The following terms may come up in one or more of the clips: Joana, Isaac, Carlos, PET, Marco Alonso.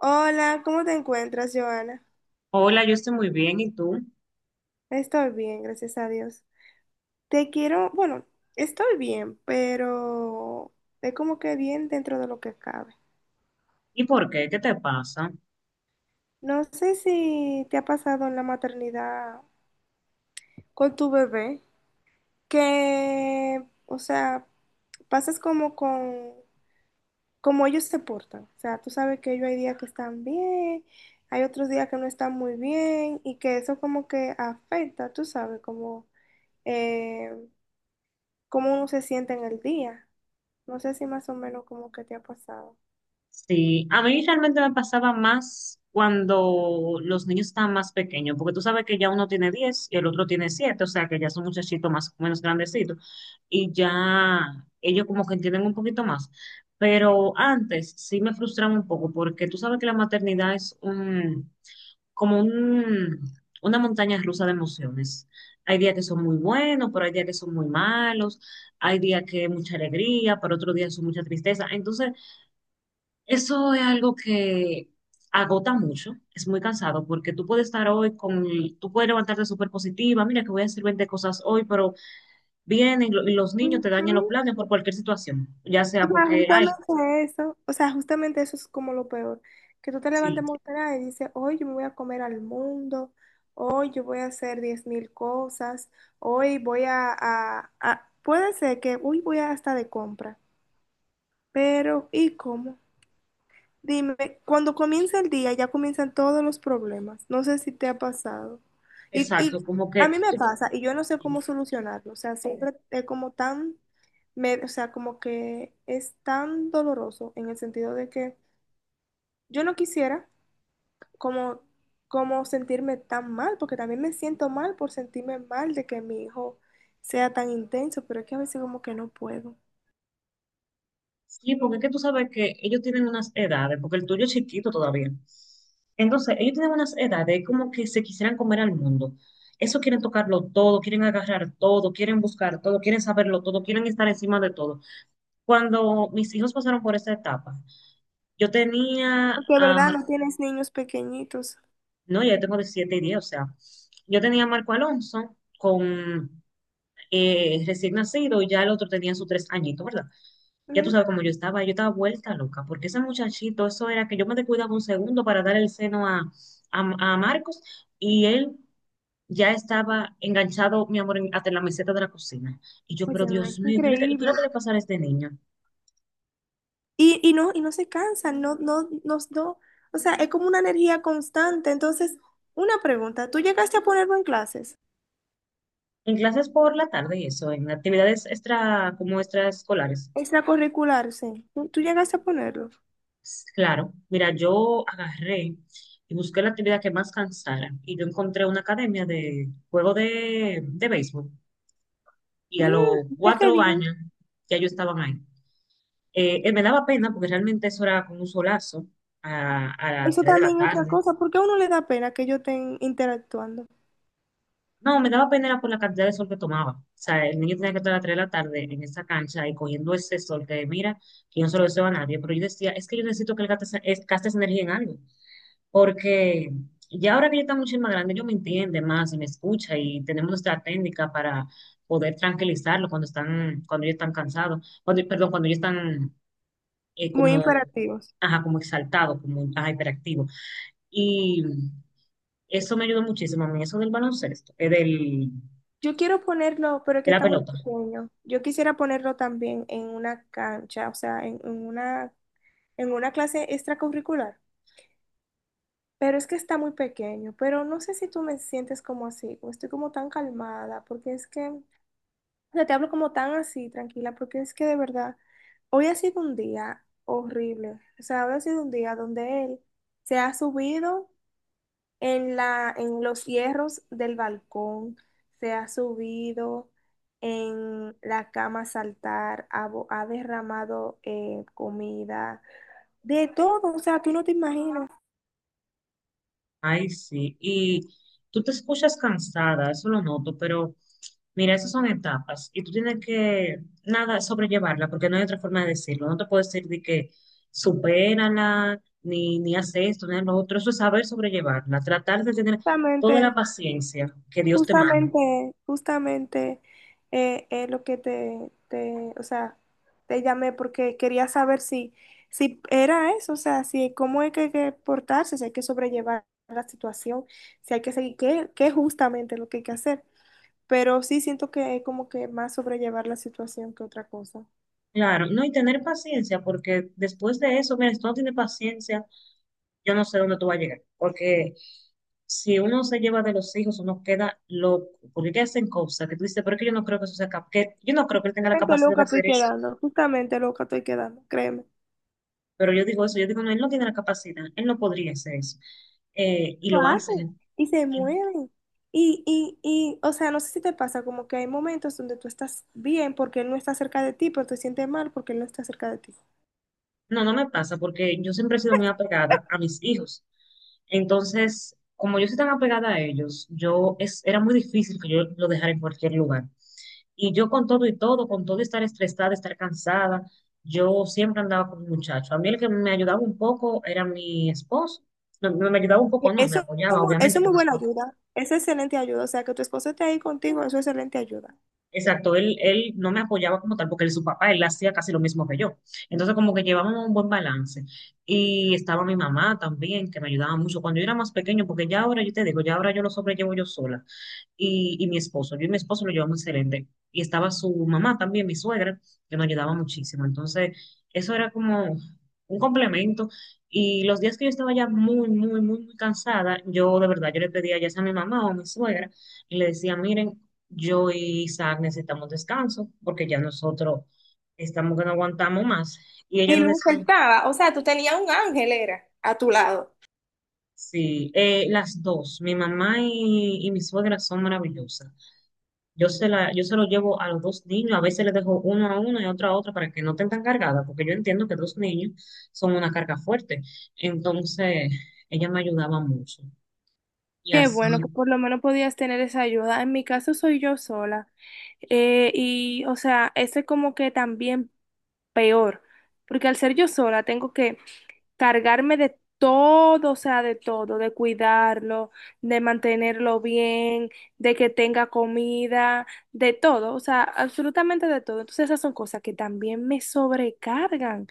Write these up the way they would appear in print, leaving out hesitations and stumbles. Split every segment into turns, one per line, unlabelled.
Hola, ¿cómo te encuentras, Joana?
Hola, yo estoy muy bien, ¿y tú?
Estoy bien, gracias a Dios. Te quiero, bueno, estoy bien, pero es como que bien dentro de lo que cabe.
¿Y por qué? ¿Qué te pasa?
No sé si te ha pasado en la maternidad con tu bebé, que, o sea, pasas como con, como ellos se portan. O sea, tú sabes que ellos hay días que están bien, hay otros días que no están muy bien y que eso como que afecta, tú sabes, como... eh, cómo uno se siente en el día. No sé si más o menos como que te ha pasado.
Sí, a mí realmente me pasaba más cuando los niños estaban más pequeños, porque tú sabes que ya uno tiene 10 y el otro tiene 7, o sea que ya son muchachitos más o menos grandecitos y ya ellos como que entienden un poquito más. Pero antes sí me frustraba un poco porque tú sabes que la maternidad es como una montaña rusa de emociones. Hay días que son muy buenos, pero hay días que son muy malos, hay días que hay mucha alegría, pero otros días son mucha tristeza. Entonces, eso es algo que agota mucho, es muy cansado, porque tú puedes estar hoy con, tú puedes levantarte súper positiva, mira que voy a hacer 20 cosas hoy, pero vienen y los niños te
Ujú.
dañan los planes por cualquier situación, ya
O
sea
sea,
porque, ay,
justamente eso, o sea, justamente eso es como lo peor, que tú te levantes
sí,
muy temprano y dices, hoy yo me voy a comer al mundo, hoy yo voy a hacer 10.000 cosas, hoy voy a, puede ser que, hoy voy a hasta de compra, pero ¿y cómo? Dime, cuando comienza el día ya comienzan todos los problemas. No sé si te ha pasado. Y,
exacto,
y
como
a
que...
mí me
tú,
pasa y yo no sé cómo solucionarlo. O sea, siempre es como tan, o sea, como que es tan doloroso en el sentido de que yo no quisiera como, como sentirme tan mal, porque también me siento mal por sentirme mal de que mi hijo sea tan intenso, pero es que a veces como que no puedo.
sí, porque es que tú sabes que ellos tienen unas edades, porque el tuyo es chiquito todavía. Entonces, ellos tienen unas edades como que se quisieran comer al mundo. Eso quieren tocarlo todo, quieren agarrar todo, quieren buscar todo, quieren saberlo todo, quieren estar encima de todo. Cuando mis hijos pasaron por esta etapa, yo tenía
Porque,
a
¿verdad?
Mar-
No tienes niños pequeñitos.
no, ya tengo de 7 y 10, o sea, yo tenía a Marco Alonso con recién nacido, y ya el otro tenía sus 3 añitos, ¿verdad? Ya tú
Ujú.
sabes cómo yo estaba vuelta loca, porque ese muchachito, eso era que yo me descuidaba un segundo para dar el seno a Marcos y él ya estaba enganchado, mi amor, hasta en la meseta de la cocina. Y yo, pero
Óyeme,
Dios
qué
mío, ¿qué es lo
increíble.
que le pasará a este niño?
Y no se cansan, no, no, no, no, o sea, es como una energía constante. Entonces, una pregunta, ¿tú llegaste a ponerlo en clases?
En clases por la tarde y eso, en actividades extra, como extraescolares.
Extracurricular, sí. ¿Tú, tú llegaste a ponerlo?
Claro, mira, yo agarré y busqué la actividad que más cansara y yo encontré una academia de juego de béisbol y a los
Mm, mira qué
cuatro
bien.
años ya yo estaba ahí. Me daba pena porque realmente eso era con un solazo a las
Eso
tres de la
también es otra
tarde.
cosa, porque a uno le da pena que ellos estén interactuando.
No, me daba pena era por la cantidad de sol que tomaba. O sea, el niño tenía que estar a las 3 de la tarde en esa cancha y cogiendo ese sol que mira, que yo no se lo deseo a nadie, pero yo decía, es que yo necesito que él gaste, gaste esa energía en algo. Porque ya ahora que yo está mucho más grande, ellos me entienden más y me escucha y tenemos nuestra técnica para poder tranquilizarlo cuando están, cuando ellos están cansados, cuando, perdón, cuando ellos están
Muy
como,
imperativos.
ajá, como exaltados, como ajá, hiperactivos. Y eso me ayudó muchísimo a mí, eso del baloncesto,
Yo quiero ponerlo, pero es
de
que
la
está muy
pelota.
pequeño. Yo quisiera ponerlo también en una cancha, o sea, en una clase extracurricular. Pero es que está muy pequeño, pero no sé si tú me sientes como así, o estoy como tan calmada, porque es que, o sea, te hablo como tan así, tranquila, porque es que de verdad, hoy ha sido un día horrible, o sea, hoy ha sido un día donde él se ha subido en la, en los hierros del balcón, se ha subido en la cama a saltar, ha, ha derramado comida, de todo, o sea, tú no te imaginas,
Ay, sí. Y tú te escuchas cansada, eso lo noto, pero mira, esas son etapas y tú tienes que, nada, sobrellevarla, porque no hay otra forma de decirlo. No te puedo decir de que supérala, ni haz esto, ni haz lo otro. Eso es saber sobrellevarla, tratar de tener toda la
exactamente.
paciencia que Dios te mande.
Justamente, justamente es lo que te, o sea, te llamé porque quería saber si, si era eso, o sea, si cómo es que hay que portarse, si hay que sobrellevar la situación, si hay que seguir, qué, qué es justamente lo que hay que hacer. Pero sí siento que es como que más sobrellevar la situación que otra cosa.
Claro, no, y tener paciencia, porque después de eso, mira, si tú no tienes paciencia, yo no sé dónde tú vas a llegar, porque si uno se lleva de los hijos, uno queda loco, porque que hacen cosas que tú dices, pero es que yo no creo que eso que yo no creo que él tenga la
Justamente
capacidad
loca
de
estoy
hacer eso,
quedando, justamente loca estoy quedando, créeme.
pero yo digo eso, yo digo, no, él no tiene la capacidad, él no podría hacer eso. Y
Lo
lo
hacen
hacen.
y se mueven. O sea, no sé si te pasa, como que hay momentos donde tú estás bien porque él no está cerca de ti, pero te sientes mal porque él no está cerca de ti.
No, no me pasa, porque yo siempre he sido muy apegada a mis hijos, entonces, como yo soy tan apegada a ellos, era muy difícil que yo lo dejara en cualquier lugar. Y yo con todo y todo, con todo y estar estresada, estar cansada, yo siempre andaba con un muchacho. A mí el que me ayudaba un poco era mi esposo. No, no me ayudaba un
Y
poco, no, me
eso, es
apoyaba,
eso
obviamente,
es muy
porque su
buena
papá.
ayuda, es excelente ayuda, o sea, que tu esposo esté ahí contigo, eso es excelente ayuda.
Exacto, él no me apoyaba como tal, porque él, su papá, él hacía casi lo mismo que yo. Entonces, como que llevábamos un buen balance. Y estaba mi mamá también, que me ayudaba mucho cuando yo era más pequeño, porque ya ahora, yo te digo, ya ahora yo lo sobrellevo yo sola. Y mi esposo. Yo y mi esposo lo llevamos excelente. Y estaba su mamá también, mi suegra, que nos ayudaba muchísimo. Entonces, eso era como un complemento. Y los días que yo estaba ya muy, muy, muy, muy cansada, yo de verdad, yo le pedía ya sea a mi mamá o a mi suegra, y le decía, miren, yo y Isaac necesitamos descanso, porque ya nosotros estamos que no aguantamos más. Y ella
Y
nos
lo
decía,
aceptaba, o sea, tú tenías un ángel, era, a tu lado.
sí, las dos, mi mamá y mi suegra son maravillosas. Yo se lo llevo a los dos niños, a veces les dejo uno a uno y otro a otro para que no estén tan cargadas, porque yo entiendo que dos niños son una carga fuerte. Entonces, ella me ayudaba mucho. Y
Qué
así,
bueno que por lo menos podías tener esa ayuda. En mi caso soy yo sola. Y, o sea, ese como que también peor, porque al ser yo sola tengo que cargarme de todo, o sea, de todo, de cuidarlo, de mantenerlo bien, de que tenga comida, de todo, o sea, absolutamente de todo. Entonces esas son cosas que también me sobrecargan.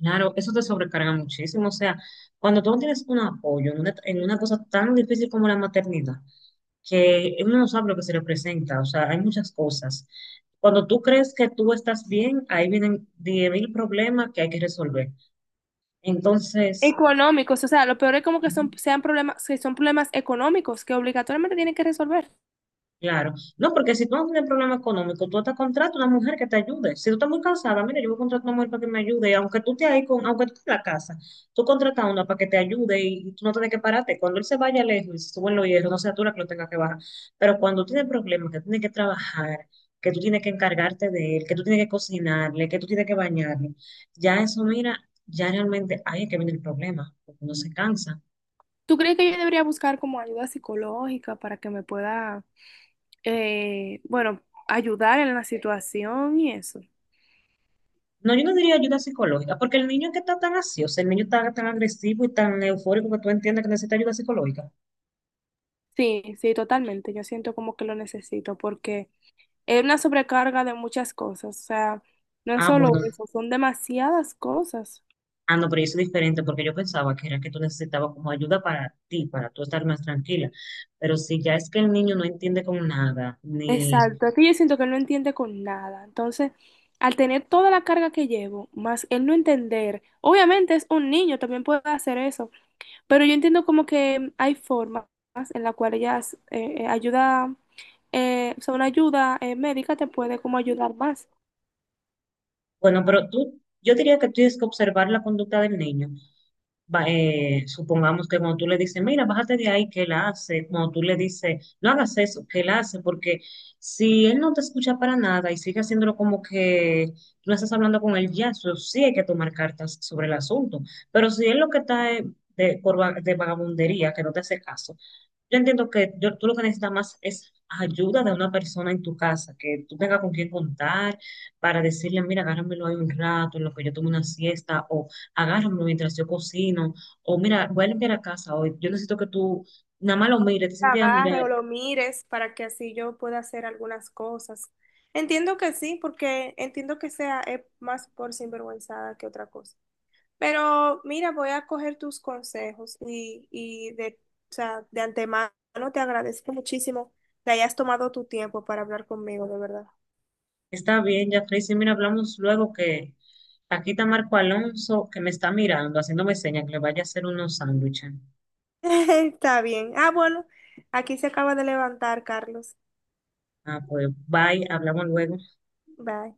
claro, eso te sobrecarga muchísimo. O sea, cuando tú no tienes un apoyo en una cosa tan difícil como la maternidad, que uno no sabe lo que se le presenta, o sea, hay muchas cosas. Cuando tú crees que tú estás bien, ahí vienen 10 mil problemas que hay que resolver. Entonces...
Económicos, o sea, lo peor es como que son, sean problemas, que son problemas económicos que obligatoriamente tienen que resolver.
Claro. No, porque si tú no tienes problema económico, tú hasta contratas una mujer que te ayude. Si tú estás muy cansada, mira, yo voy a contratar una mujer para que me ayude. Aunque tú te ahí con, aunque tú estés en la casa, tú contratas a una para que te ayude y tú no tienes que pararte. Cuando él se vaya lejos y se suben los hierros, no sea tú la que lo tenga que bajar. Pero cuando tienes problemas, que tienes que trabajar, que tú tienes que encargarte de él, que tú tienes que cocinarle, que tú tienes que bañarle, ya eso, mira, ya realmente ahí es que viene el problema, porque uno se cansa.
¿Tú crees que yo debería buscar como ayuda psicológica para que me pueda, bueno, ayudar en la situación y eso?
No, yo no diría ayuda psicológica, porque el niño que está tan así, o sea, el niño está tan agresivo y tan eufórico que tú entiendes que necesita ayuda psicológica.
Sí, sí, totalmente. Yo siento como que lo necesito porque es una sobrecarga de muchas cosas, o sea, no es
Ah,
solo
bueno,
eso, son demasiadas cosas.
ah, no, pero eso es diferente, porque yo pensaba que era que tú necesitabas como ayuda para ti, para tú estar más tranquila. Pero si ya es que el niño no entiende con nada, ni...
Exacto, es que yo siento que él no entiende con nada. Entonces, al tener toda la carga que llevo, más él no entender, obviamente es un niño, también puede hacer eso, pero yo entiendo como que hay formas en las cuales ellas ayuda, o sea, una ayuda médica te puede como ayudar más.
Bueno, pero tú, yo diría que tienes que observar la conducta del niño supongamos que cuando tú le dices, mira, bájate de ahí, que él hace, cuando tú le dices, no hagas eso, que él hace, porque si él no te escucha para nada y sigue haciéndolo como que tú no estás hablando con él ya, eso sí hay que tomar cartas sobre el asunto. Pero si él lo que está es de vagabundería, que no te hace caso, yo entiendo que tú lo que necesitas más es ayuda de una persona en tu casa, que tú tengas con quién contar para decirle, mira, agárramelo ahí un rato en lo que yo tomo una siesta, o agárramelo mientras yo cocino, o mira, voy a limpiar la casa hoy, yo necesito que tú nada más lo mires, te sientes, "Ah,
Agarre o
mira,
lo mires para que así yo pueda hacer algunas cosas. Entiendo que sí, porque entiendo que sea más por sinvergüenzada que otra cosa. Pero mira, voy a coger tus consejos y de, o sea, de antemano te agradezco muchísimo que hayas tomado tu tiempo para hablar conmigo, de verdad.
está bien, ya Tracy, mira, hablamos luego que aquí está Marco Alonso que me está mirando, haciéndome señas que le vaya a hacer unos sándwiches.
Está bien. Ah, bueno, aquí se acaba de levantar, Carlos.
Ah, pues bye, hablamos luego.
Bye.